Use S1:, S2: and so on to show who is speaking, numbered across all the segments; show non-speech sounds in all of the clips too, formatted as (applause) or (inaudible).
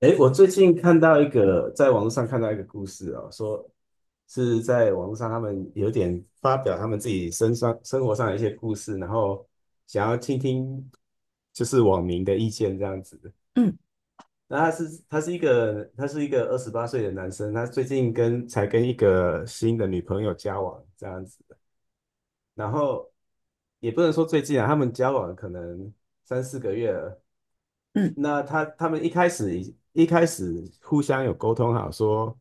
S1: 哎，我最近看到一个，在网络上看到一个故事哦，说是在网络上他们有点发表他们自己身上生活上的一些故事，然后想要听听就是网民的意见这样子。
S2: 嗯
S1: 那他是一个28岁的男生，他最近才跟一个新的女朋友交往这样子。然后也不能说最近啊，他们交往可能3、4个月了。
S2: 嗯
S1: 那他们一开始互相有沟通好说，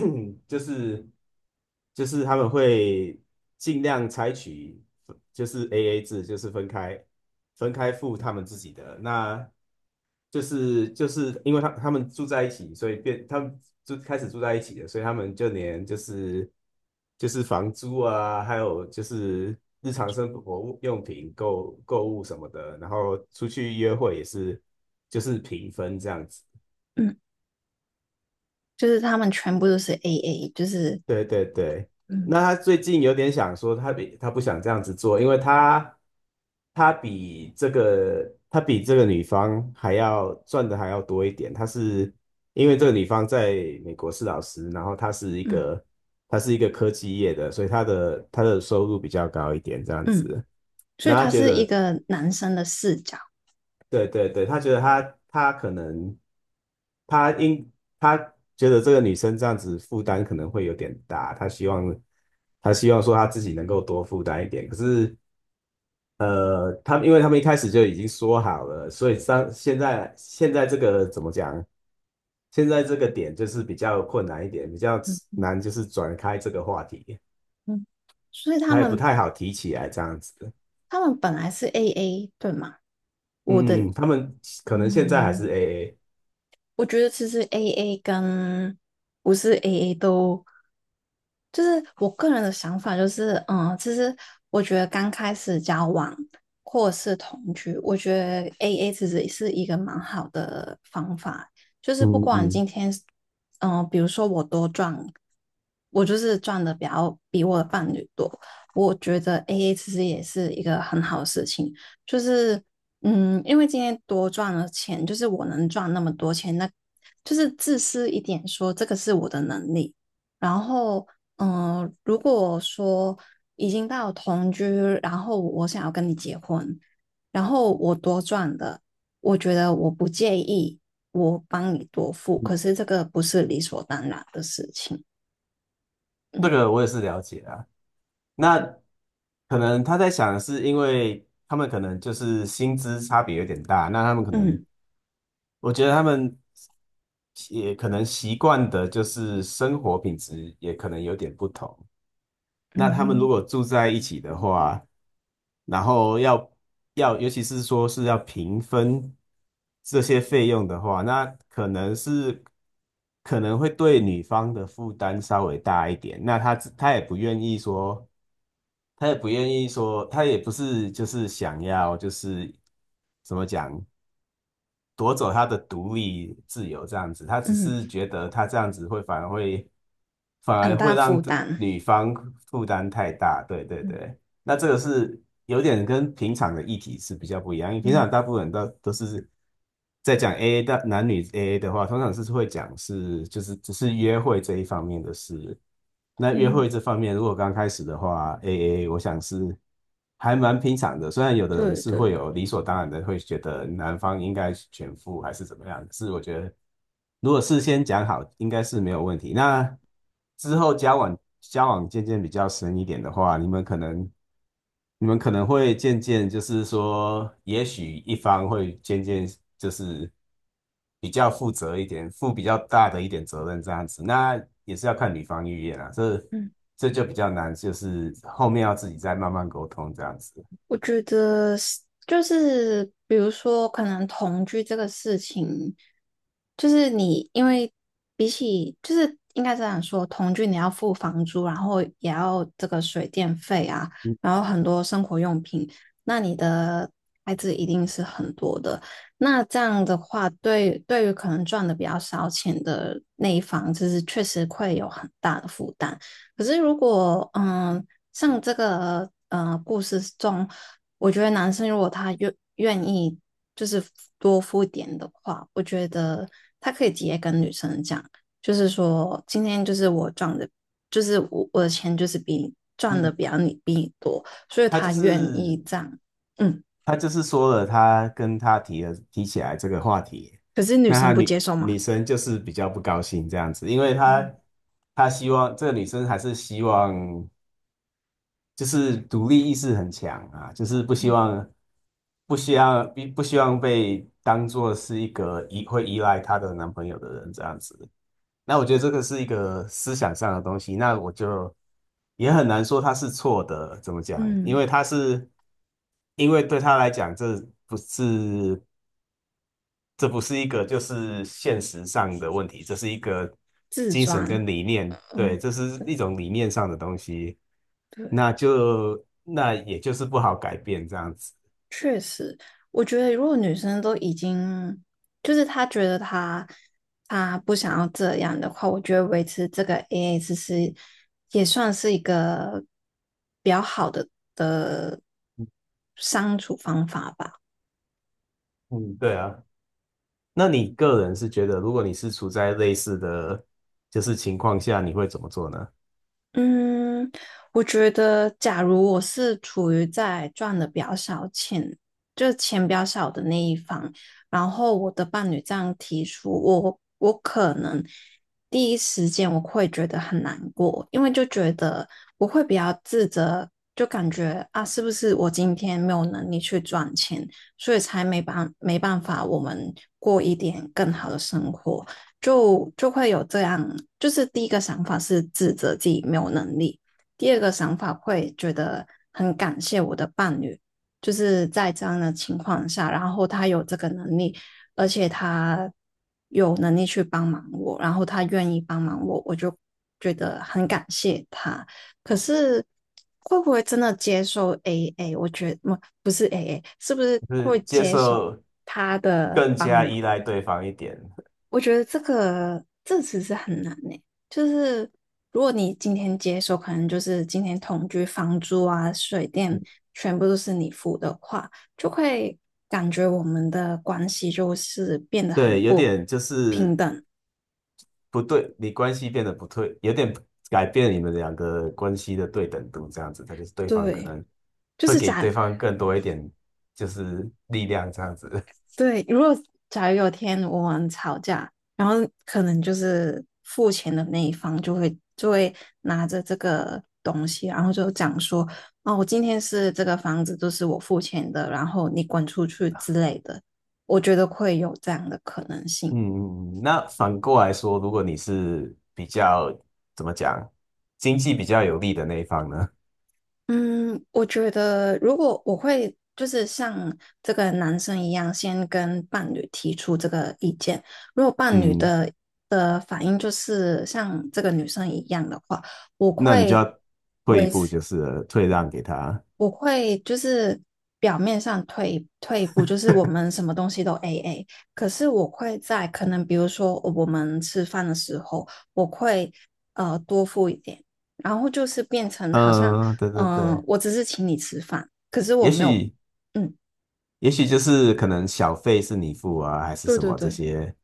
S1: (clears throat) 就是他们会尽量采取就是 AA 制，就是分开付他们自己的。那因为他们住在一起，所以变他们就开始住在一起的，所以他们就连就是房租啊，还有就是日常生活用品、购物什么的，然后出去约会也是就是平分这样子。
S2: 嗯，就是他们全部都是 AA，就是
S1: 对对对。
S2: 嗯
S1: 那他最近有点想说他不想这样子做，因为他比这个女方还要赚的还要多一点。他是因为这个女方在美国是老师，然后他是一
S2: 嗯
S1: 个他是一个科技业的，所以他的收入比较高一点这样
S2: 嗯，
S1: 子。
S2: 所以
S1: 那他
S2: 他
S1: 觉
S2: 是一
S1: 得，
S2: 个男生的视角。
S1: 对对对，他觉得他他可能他应他觉得这个女生这样子负担可能会有点大，他希望说他自己能够多负担一点。可是他们因为他们一开始就已经说好了，所以上现在现在这个怎么讲？现在这个点就是比较困难一点，比较
S2: 嗯
S1: 难就是转开这个话题，
S2: 嗯，所以他
S1: 他也不
S2: 们
S1: 太好提起来这样子。嗯
S2: 他们本来是 AA 对吗？我
S1: 嗯
S2: 的
S1: 嗯，他们可能现在还是
S2: 嗯，
S1: AA。
S2: 我觉得其实 AA 跟不是 AA 都，就是我个人的想法就是，其实我觉得刚开始交往或者是同居，我觉得 AA 其实是一个蛮好的方法，就是不
S1: 嗯
S2: 管
S1: 嗯，
S2: 今天，比如说我多赚，我就是赚的比较比我的伴侣多，我觉得 AA 其实也是一个很好的事情。就是因为今天多赚了钱，就是我能赚那么多钱，那就是自私一点说，这个是我的能力。然后，如果说已经到同居，然后我想要跟你结婚，然后我多赚的，我觉得我不介意，我帮你多付，可是这个不是理所当然的事情。
S1: 这
S2: 嗯
S1: 个我也是了解啊。那可能他在想的是，因为他们可能就是薪资差别有点大，那他们可能，
S2: 嗯
S1: 我觉得他们也可能习惯的就是生活品质也可能有点不同。那他们如
S2: 嗯
S1: 果住在一起的话，然后要，尤其是说是要平分这些费用的话，那可能会对女方的负担稍微大一点。那她也不愿意说，她也不愿意说，她也不是就是想要就是怎么讲，夺走他的独立自由这样子，他只
S2: 嗯，
S1: 是觉得他这样子会反而会反
S2: 很
S1: 而
S2: 大
S1: 会
S2: 负
S1: 让
S2: 担。
S1: 女方负担太大，对对
S2: 嗯
S1: 对。那这个是有点跟平常的议题是比较不一样，因为平
S2: 嗯
S1: 常大部分人都是在讲 AA 的男女 AA 的话，通常是会讲是就是只是约会这一方面的事。那约
S2: 嗯，
S1: 会这方面，如果刚开始的话，AA 我想是还蛮平常的。虽然有的人
S2: 对
S1: 是
S2: 对
S1: 会
S2: 对。
S1: 有理所当然的会觉得男方应该全付还是怎么样，可是我觉得如果事先讲好，应该是没有问题。那之后交往渐渐比较深一点的话，你们可能会渐渐就是说，也许一方会渐渐就是比较负责一点，负比较大的一点责任这样子，那也是要看女方意愿啊，这
S2: 嗯。
S1: 这就比较难，就是后面要自己再慢慢沟通这样子。
S2: 我觉得是就是比如说，可能同居这个事情，就是你因为比起就是应该这样说，同居你要付房租，然后也要这个水电费啊，
S1: 嗯
S2: 然后很多生活用品，那你的开支一定是很多的。那这样的话，对于可能赚的比较少钱的那一方，就是确实会有很大的负担。可是如果像这个故事中，我觉得男生如果他愿意就是多付点的话，我觉得他可以直接跟女生讲，就是说今天就是我赚的，就是我的钱就是比你赚的
S1: 嗯，
S2: 比你多，所以
S1: 他就
S2: 他愿意
S1: 是
S2: 这样。嗯，
S1: 他就是说了，他跟他提起来这个话题，
S2: 可是女
S1: 那
S2: 生
S1: 他
S2: 不接
S1: 女
S2: 受嘛？
S1: 女生就是比较不高兴这样子，因为他希望这个女生还是希望。就是独立意识很强啊，就是不希望被当做是一个依赖她的男朋友的人这样子。那我觉得这个是一个思想上的东西，那我就也很难说他是错的，怎么讲？因
S2: 嗯，
S1: 为他是因为对他来讲，不是这不是一个就是现实上的问题，这是一个
S2: 自
S1: 精神
S2: 赚。
S1: 跟理念，对，
S2: 嗯，
S1: 这是
S2: 对
S1: 一种理念上的东西，
S2: 对。
S1: 那也就是不好改变这样子。
S2: 确实，我觉得如果女生都已经，就是她觉得她不想要这样的话，我觉得维持这个 AA 制是也算是一个比较好的相处方法吧。
S1: 嗯，对啊。那你个人是觉得，如果你是处在类似的就是情况下，你会怎么做呢？
S2: 嗯，我觉得，假如我是处于在赚的比较少钱，就是钱比较少的那一方，然后我的伴侣这样提出，我可能第一时间我会觉得很难过，因为就觉得我会比较自责，就感觉啊，是不是我今天没有能力去赚钱，所以才没办没办法我们过一点更好的生活。就会有这样，就是第一个想法是指责自己没有能力，第二个想法会觉得很感谢我的伴侣，就是在这样的情况下，然后他有这个能力，而且他有能力去帮忙我，然后他愿意帮忙我，我就觉得很感谢他。可是会不会真的接受 AA？我觉得不是 AA，是不是
S1: 就
S2: 会
S1: 是接
S2: 接受
S1: 受
S2: 他的
S1: 更
S2: 帮
S1: 加
S2: 忙？
S1: 依赖对方一点，
S2: 我觉得这个这其实很难呢、就是如果你今天接手，可能就是今天同居、房租啊、水电全部都是你付的话，就会感觉我们的关系就是变得很
S1: 对，有
S2: 不
S1: 点就
S2: 平
S1: 是
S2: 等。
S1: 不对，你关系变得不对，有点改变你们两个关系的对等度，这样子，他就是对方可
S2: 对，
S1: 能
S2: 就
S1: 会
S2: 是
S1: 给对方更多一点，就是力量这样子。(laughs)
S2: 对，假如有天我们吵架，然后可能就是付钱的那一方就会拿着这个东西，然后就讲说，哦，我今天是这个房子都是我付钱的，然后你滚出去之类的，我觉得会有这样的可能性。
S1: 嗯，嗯那反过来说，如果你是比较怎么讲，经济比较有利的那一方呢？
S2: 嗯，我觉得如果我会就是像这个男生一样，先跟伴侣提出这个意见。如果
S1: (laughs)
S2: 伴侣
S1: 嗯，
S2: 的反应就是像这个女生一样的话，我
S1: 那你就
S2: 会。
S1: 要退一步，就是了退让给他。
S2: 我会就是表面上退一步，就是我们什么东西都 AA，可是我会在可能比如说我们吃饭的时候，我会多付一点，然后就是变成好像
S1: 嗯，对对对，
S2: 我只是请你吃饭，可是我
S1: 也
S2: 没有，
S1: 许
S2: 嗯，
S1: 也许就是可能小费是你付啊，还是
S2: 对
S1: 什
S2: 对
S1: 么这
S2: 对
S1: 些。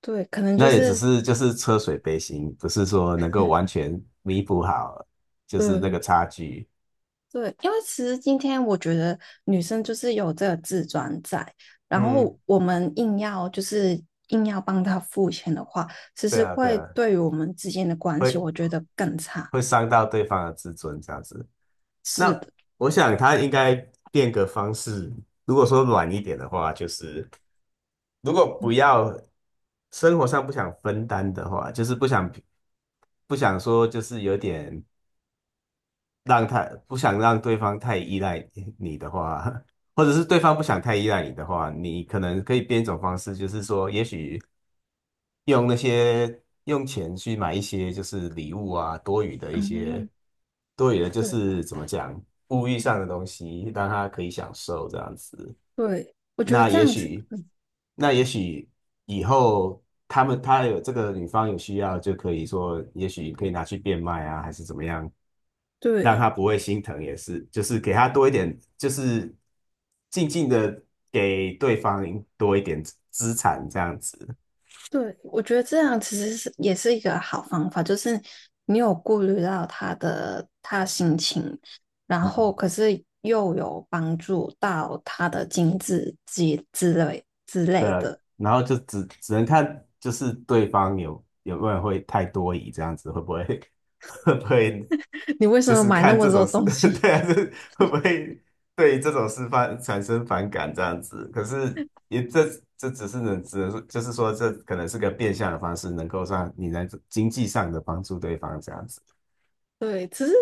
S2: 对，可能就
S1: 那也只
S2: 是
S1: 是就是车水杯薪，不是说能够完全弥补好，就是那
S2: 对
S1: 个差距。
S2: 对，因为其实今天我觉得女生就是有这个自尊在，然
S1: 嗯，
S2: 后我们硬要帮她付钱的话，其
S1: 对
S2: 实
S1: 啊，对
S2: 会
S1: 啊，
S2: 对于我们之间的关系，
S1: 会
S2: 我觉得更差。
S1: 会伤到对方的自尊这样子。
S2: 是
S1: 那
S2: 的，
S1: 我想他应该变个方式，如果说软一点的话，就是如果不要生活上不想分担的话，就是不想说就是有点让他不想让对方太依赖你 (laughs) 的话，(laughs) 或者是对方不想太依赖你的话，你可能可以变一种方式，就是说，也许用那些用钱去买一些就是礼物啊，多余的一
S2: 嗯，
S1: 些多余的，就
S2: 对
S1: 是怎么讲，物欲上的东西，让他可以享受这样子。
S2: 对，我觉得
S1: 那
S2: 这
S1: 也
S2: 样子，
S1: 许，那也许以后他们他有这个女方有需要，就可以说，也许可以拿去变卖啊，还是怎么样，让
S2: 对。
S1: 他不会心疼，也是，就是给他多一点，就是静静的给对方多一点资产这样子。
S2: 对，我觉得这样其实是也是一个好方法，就是你有顾虑到他的心情，然后
S1: 嗯，
S2: 可是又有帮助到他的经济之之类之
S1: (laughs) 对
S2: 类
S1: 啊。
S2: 的。
S1: 然后就只能看就是对方有没有会太多疑这样子，会不会 (laughs) 会不会
S2: (laughs) 你为什
S1: 就
S2: 么
S1: 是
S2: 买那
S1: 看
S2: 么
S1: 这
S2: 多
S1: 种事，
S2: 东
S1: (laughs)
S2: 西？(laughs)
S1: 对啊，这会不会对这种事产生反感这样子？可是也这这只能说，就是说这可能是个变相的方式，能够让你能经济上的帮助对方这样子。
S2: 对，其实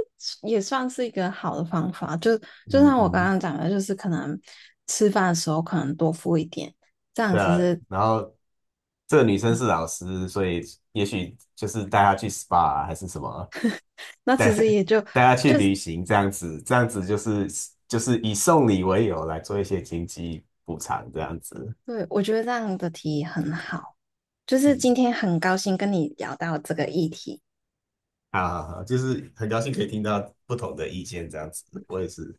S2: 也算是一个好的方法。就
S1: 嗯
S2: 像我刚
S1: 嗯，
S2: 刚讲的，就是可能吃饭的时候可能多付一点，这样
S1: 对
S2: 其
S1: 啊。
S2: 实
S1: 然后这个女生是老师，所以也许就是带她去 SPA 啊还是什么，
S2: 那其
S1: 带
S2: 实
S1: (laughs)
S2: 也就
S1: 带她去
S2: 就是
S1: 旅行这样子，这样子以送礼为由来做一些经济补偿这样子。
S2: 对，我觉得这样的提议很好。就是
S1: 嗯
S2: 今天很高兴跟你聊到这个议题。
S1: 啊，就是很高兴可以听到不同的意见，这样子，我也是